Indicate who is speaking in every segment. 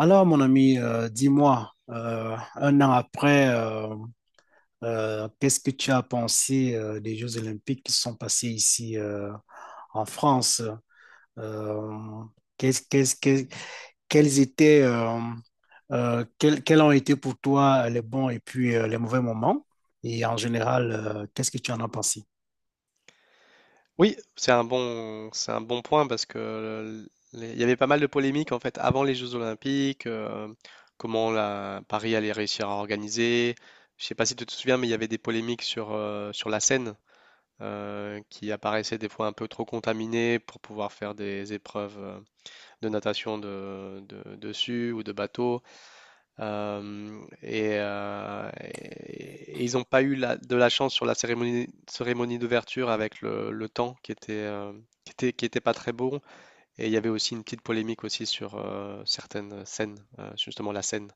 Speaker 1: Alors, mon ami, dis-moi, un an après, qu'est-ce que tu as pensé des Jeux Olympiques qui sont passés ici en France? Euh, qu'est-ce- qu'est-ce- qu'est- quels étaient, quels ont été pour toi les bons et puis les mauvais moments? Et en général, qu'est-ce que tu en as pensé?
Speaker 2: Oui, c'est un bon point parce que les- il y avait pas mal de polémiques en fait avant les Jeux Olympiques, comment la Paris allait réussir à organiser. Je sais pas si tu te souviens, mais il y avait des polémiques sur, sur la Seine qui apparaissait des fois un peu trop contaminée pour pouvoir faire des épreuves de natation de, dessus ou de bateau. Et ils n'ont pas eu de la chance sur la cérémonie, cérémonie d'ouverture avec le temps qui était, qui était, qui était pas très bon. Et il y avait aussi une petite polémique aussi sur certaines scènes, justement la scène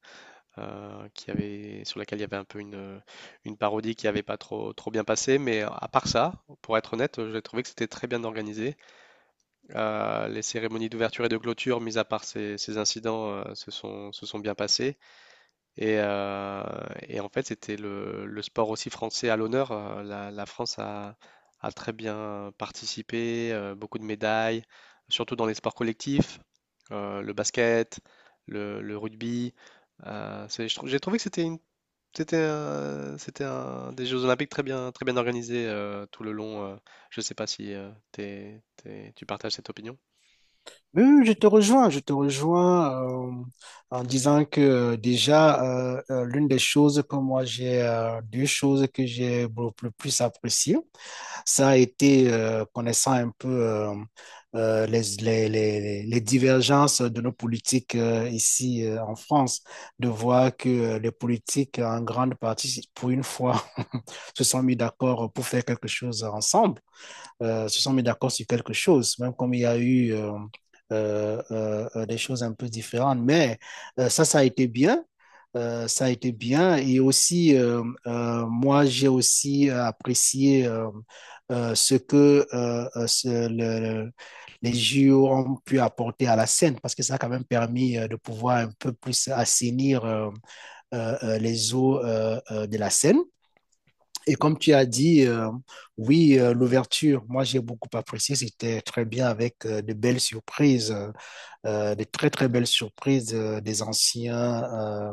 Speaker 2: qui avait, sur laquelle il y avait un peu une parodie qui n'avait pas trop, trop bien passé. Mais à part ça, pour être honnête, j'ai trouvé que c'était très bien organisé. Les cérémonies d'ouverture et de clôture, mis à part ces, ces incidents, se sont bien passées. Et, euh, et en fait, c'était le sport aussi français à l'honneur. La France a, a très bien participé, beaucoup de médailles, surtout dans les sports collectifs, le basket, le rugby. J'ai trouvé que c'était des Jeux Olympiques très bien organisés tout le long. Je ne sais pas si tu partages cette opinion.
Speaker 1: Oui, oui, je te rejoins en disant que déjà, l'une des choses que moi j'ai, deux choses que j'ai beaucoup le plus appréciées, ça a été connaissant un peu les divergences de nos politiques ici en France, de voir que les politiques en grande partie, pour une fois, se sont mis d'accord pour faire quelque chose ensemble se sont mis d'accord sur quelque chose, même comme il y a eu des choses un peu différentes. Mais ça, ça a été bien. Ça a été bien. Et aussi, moi, j'ai aussi apprécié ce que les JO ont pu apporter à la scène, parce que ça a quand même permis de pouvoir un peu plus assainir les eaux de la scène. Et comme tu as dit, oui, l'ouverture, moi j'ai beaucoup apprécié, c'était très bien avec de belles surprises, de très très belles surprises euh,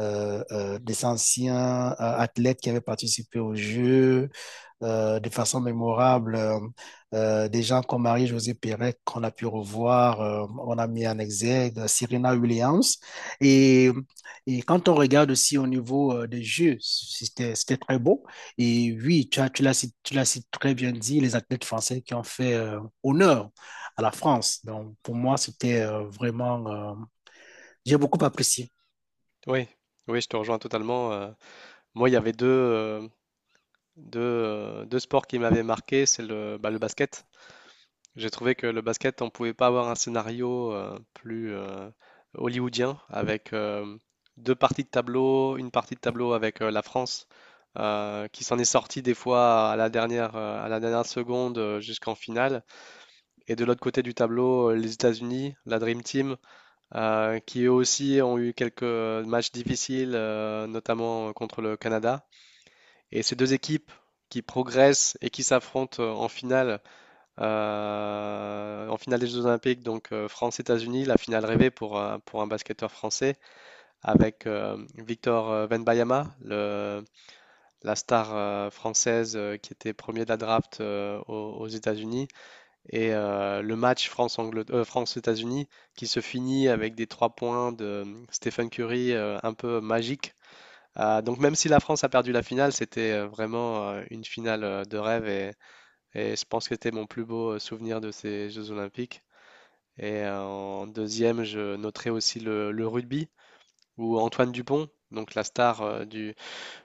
Speaker 1: euh, euh, des anciens athlètes qui avaient participé au jeu, de façon mémorable. Des gens comme Marie-Josée Pérec qu'on a pu revoir, on a mis en exergue Serena Williams. Et, et quand on regarde aussi au niveau des jeux, c'était très beau. Et oui, tu as, tu l'as cit- très bien dit, les athlètes français qui ont fait honneur à la France. Donc pour moi, c'était vraiment... j'ai beaucoup apprécié.
Speaker 2: Oui, oui, je te rejoins totalement. Moi, il y avait deux, deux sports qui m'avaient marqué, c'est le, bah, le basket. J'ai trouvé que le basket, on pouvait pas avoir un scénario plus hollywoodien avec deux parties de tableau, une partie de tableau avec la France qui s'en est sortie des fois à la dernière seconde jusqu'en finale. Et de l'autre côté du tableau, les États-Unis, la Dream Team, qui eux aussi ont eu quelques matchs difficiles, notamment contre le Canada. Et ces 2 équipes qui progressent et qui s'affrontent, en finale des Jeux olympiques, donc France-États-Unis, la finale rêvée pour un basketteur français avec, Victor, Wembanyama, le la star, française, qui était premier de la draft, aux aux États-Unis et le match France-Anglet France-États-Unis qui se finit avec des 3 points de, Stephen Curry, un peu magiques donc même si la France a perdu la finale, c'était vraiment une finale de rêve et je pense que c'était mon plus beau souvenir de ces Jeux Olympiques. Et en deuxième, je noterai aussi le rugby où Antoine Dupont, donc la star euh, du,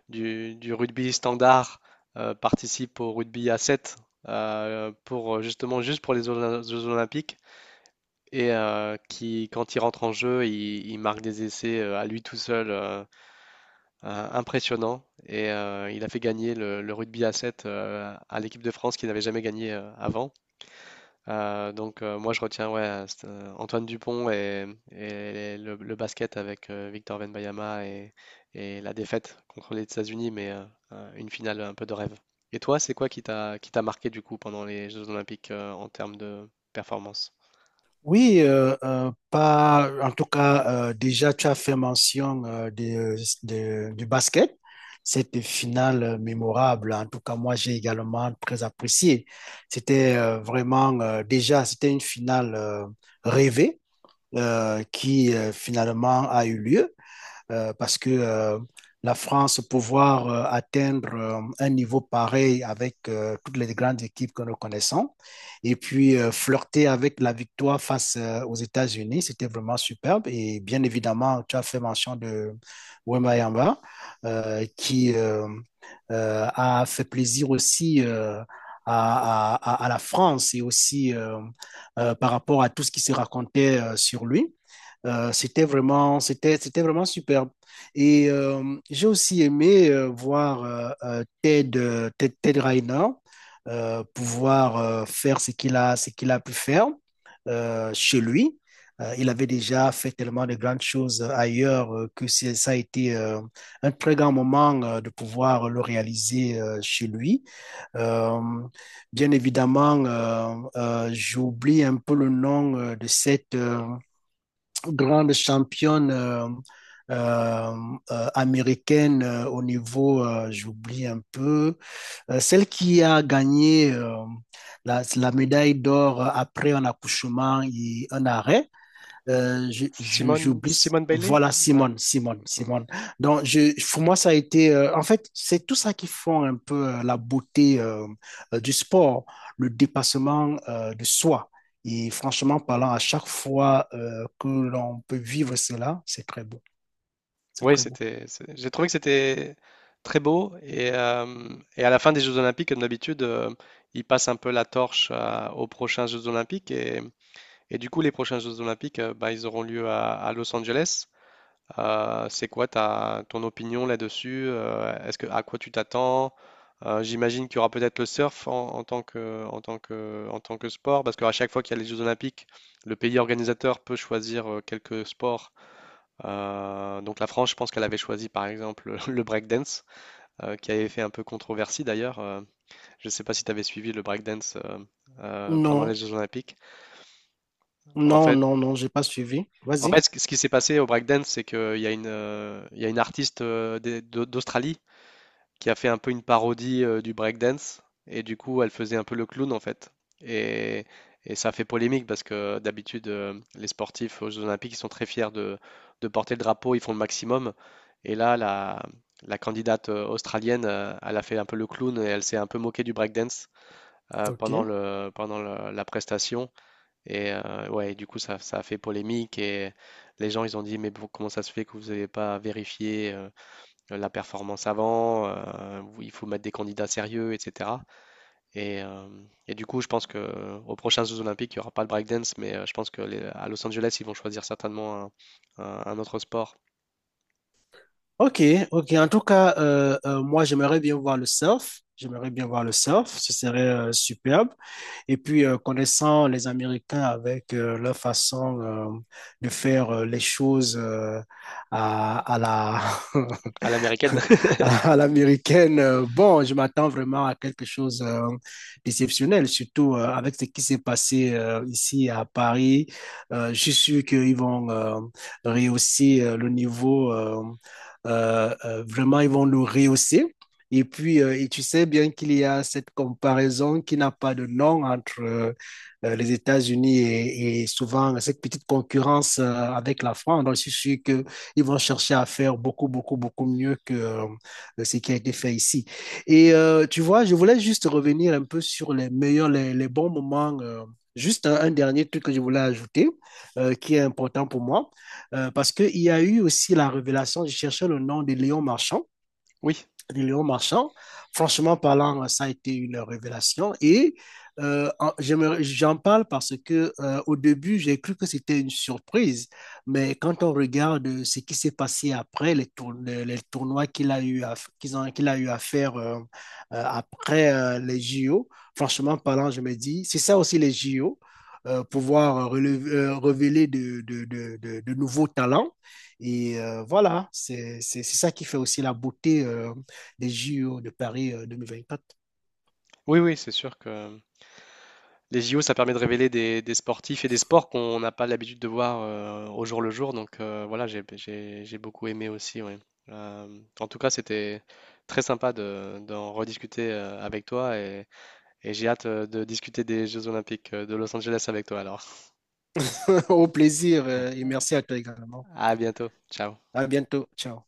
Speaker 2: du, du rugby standard, participe au rugby à 7 pour justement juste pour les Jeux Olympiques et qui quand il rentre en jeu, il marque des essais à lui tout seul. Impressionnant, et il a fait gagner le rugby à 7 à l'équipe de France qui n'avait jamais gagné avant. Moi je retiens ouais, c'est, Antoine Dupont et le basket avec Victor Wembanyama et la défaite contre les États-Unis, mais une finale un peu de rêve. Et toi, c'est quoi qui t'a marqué du coup pendant les Jeux Olympiques en termes de performance?
Speaker 1: Oui, pas, En tout cas, déjà, tu as fait mention du basket, cette finale mémorable. En tout cas, moi, j'ai également très apprécié. C'était vraiment, déjà, c'était une finale rêvée qui finalement a eu lieu parce que la France pouvoir atteindre un niveau pareil avec toutes les grandes équipes que nous connaissons et puis flirter avec la victoire face aux États-Unis, c'était vraiment superbe. Et bien évidemment, tu as fait mention de Wemba qui a fait plaisir aussi. À, la France et aussi par rapport à tout ce qui se racontait sur lui. C'était vraiment, c'était vraiment superbe. Et j'ai aussi aimé voir Ted, Ted Rainer pouvoir faire ce qu'il a pu faire chez lui. Il avait déjà fait tellement de grandes choses ailleurs que ça a été un très grand moment de pouvoir le réaliser chez lui. Euh, bien évidemment, j'oublie un peu le nom de cette, grande championne euh, américaine au niveau, j'oublie un peu, celle qui a gagné la, la médaille d'or après un accouchement et un arrêt
Speaker 2: Simone,
Speaker 1: j'oublie.
Speaker 2: Simone Bailey?
Speaker 1: Voilà, Simone. Donc, je, pour moi, ça a été, en fait, c'est tout ça qui font un peu la beauté du sport, le dépassement de soi. Et franchement parlant, à chaque fois que l'on peut vivre cela, c'est très beau, c'est
Speaker 2: Oui,
Speaker 1: très beau.
Speaker 2: c'était, j'ai trouvé que c'était très beau. Et à la fin des Jeux Olympiques, comme d'habitude, ils passent un peu la torche aux prochains Jeux Olympiques. Et du coup, les prochains Jeux Olympiques, bah, ils auront lieu à Los Angeles. C'est quoi ta, ton opinion là-dessus? Est-ce que, à quoi tu t'attends? J'imagine qu'il y aura peut-être le surf en, en tant que sport, parce qu'à chaque fois qu'il y a les Jeux Olympiques, le pays organisateur peut choisir quelques sports donc la France, je pense qu'elle avait choisi par exemple le breakdance, qui avait fait un peu controversie d'ailleurs. Je ne sais pas si tu avais suivi le breakdance pendant les
Speaker 1: Non,
Speaker 2: Jeux Olympiques. En
Speaker 1: non,
Speaker 2: fait,
Speaker 1: non, non, j'ai pas suivi.
Speaker 2: en
Speaker 1: Vas-y.
Speaker 2: fait, ce qui s'est passé au breakdance, c'est qu'il y a il y a une artiste euh, d'Australie qui a fait un peu une parodie du breakdance. Et du coup, elle faisait un peu le clown en fait. Et, et ça a fait polémique parce que d'habitude, les sportifs aux Jeux Olympiques, ils sont très fiers de porter le drapeau, ils font le maximum. Et là, la candidate australienne, elle a fait un peu le clown et elle s'est un peu moquée du breakdance
Speaker 1: Ok.
Speaker 2: pendant le, la prestation. Ouais, du coup, ça a fait polémique et les gens, ils ont dit, mais bon, comment ça se fait que vous n'avez pas vérifié la performance avant, où il faut mettre des candidats sérieux, etc. Et, euh, et du coup, je pense que aux prochains Jeux Olympiques, il n'y aura pas le breakdance, mais je pense que à Los Angeles, ils vont choisir certainement un, un autre sport
Speaker 1: Ok, ok. En tout cas, moi, j'aimerais bien voir le surf. J'aimerais bien voir le surf. Ce serait superbe. Et puis, connaissant les Américains avec leur façon de faire les choses à la
Speaker 2: à l'américaine.
Speaker 1: à l'américaine. Bon, je m'attends vraiment à quelque chose d'exceptionnel, surtout avec ce qui s'est passé ici à Paris. Je suis sûr qu'ils vont rehausser le niveau, vraiment, ils vont le rehausser. Et puis, et tu sais bien qu'il y a cette comparaison qui n'a pas de nom entre les États-Unis et souvent cette petite concurrence avec la France. Donc, je suis sûr que ils vont chercher à faire beaucoup, beaucoup, beaucoup mieux que ce qui a été fait ici. Et tu vois, je voulais juste revenir un peu sur les meilleurs, les bons moments. Juste un dernier truc que je voulais ajouter, qui est important pour moi, parce qu'il y a eu aussi la révélation, je cherchais le nom de Léon Marchand,
Speaker 2: Oui,
Speaker 1: de Léon Marchand. Franchement parlant, ça a été une révélation et euh, j'en parle parce que au début, j'ai cru que c'était une surprise, mais quand on regarde ce qui s'est passé après tournois qu'il a eu à faire après les JO, franchement parlant, je me dis, c'est ça aussi les JO. Révéler de, de nouveaux talents. Et voilà, c'est ça qui fait aussi la beauté des JO de Paris 2024.
Speaker 2: oui, oui, c'est sûr que les JO, ça permet de révéler des sportifs et des sports qu'on n'a pas l'habitude de voir au jour le jour. Voilà, j'ai, j'ai beaucoup aimé aussi. Ouais. En tout cas, c'était très sympa de, d'en rediscuter avec toi et j'ai hâte de discuter des Jeux Olympiques de Los Angeles avec toi alors.
Speaker 1: Au plaisir et merci à toi également.
Speaker 2: À bientôt. Ciao.
Speaker 1: À bientôt. Ciao.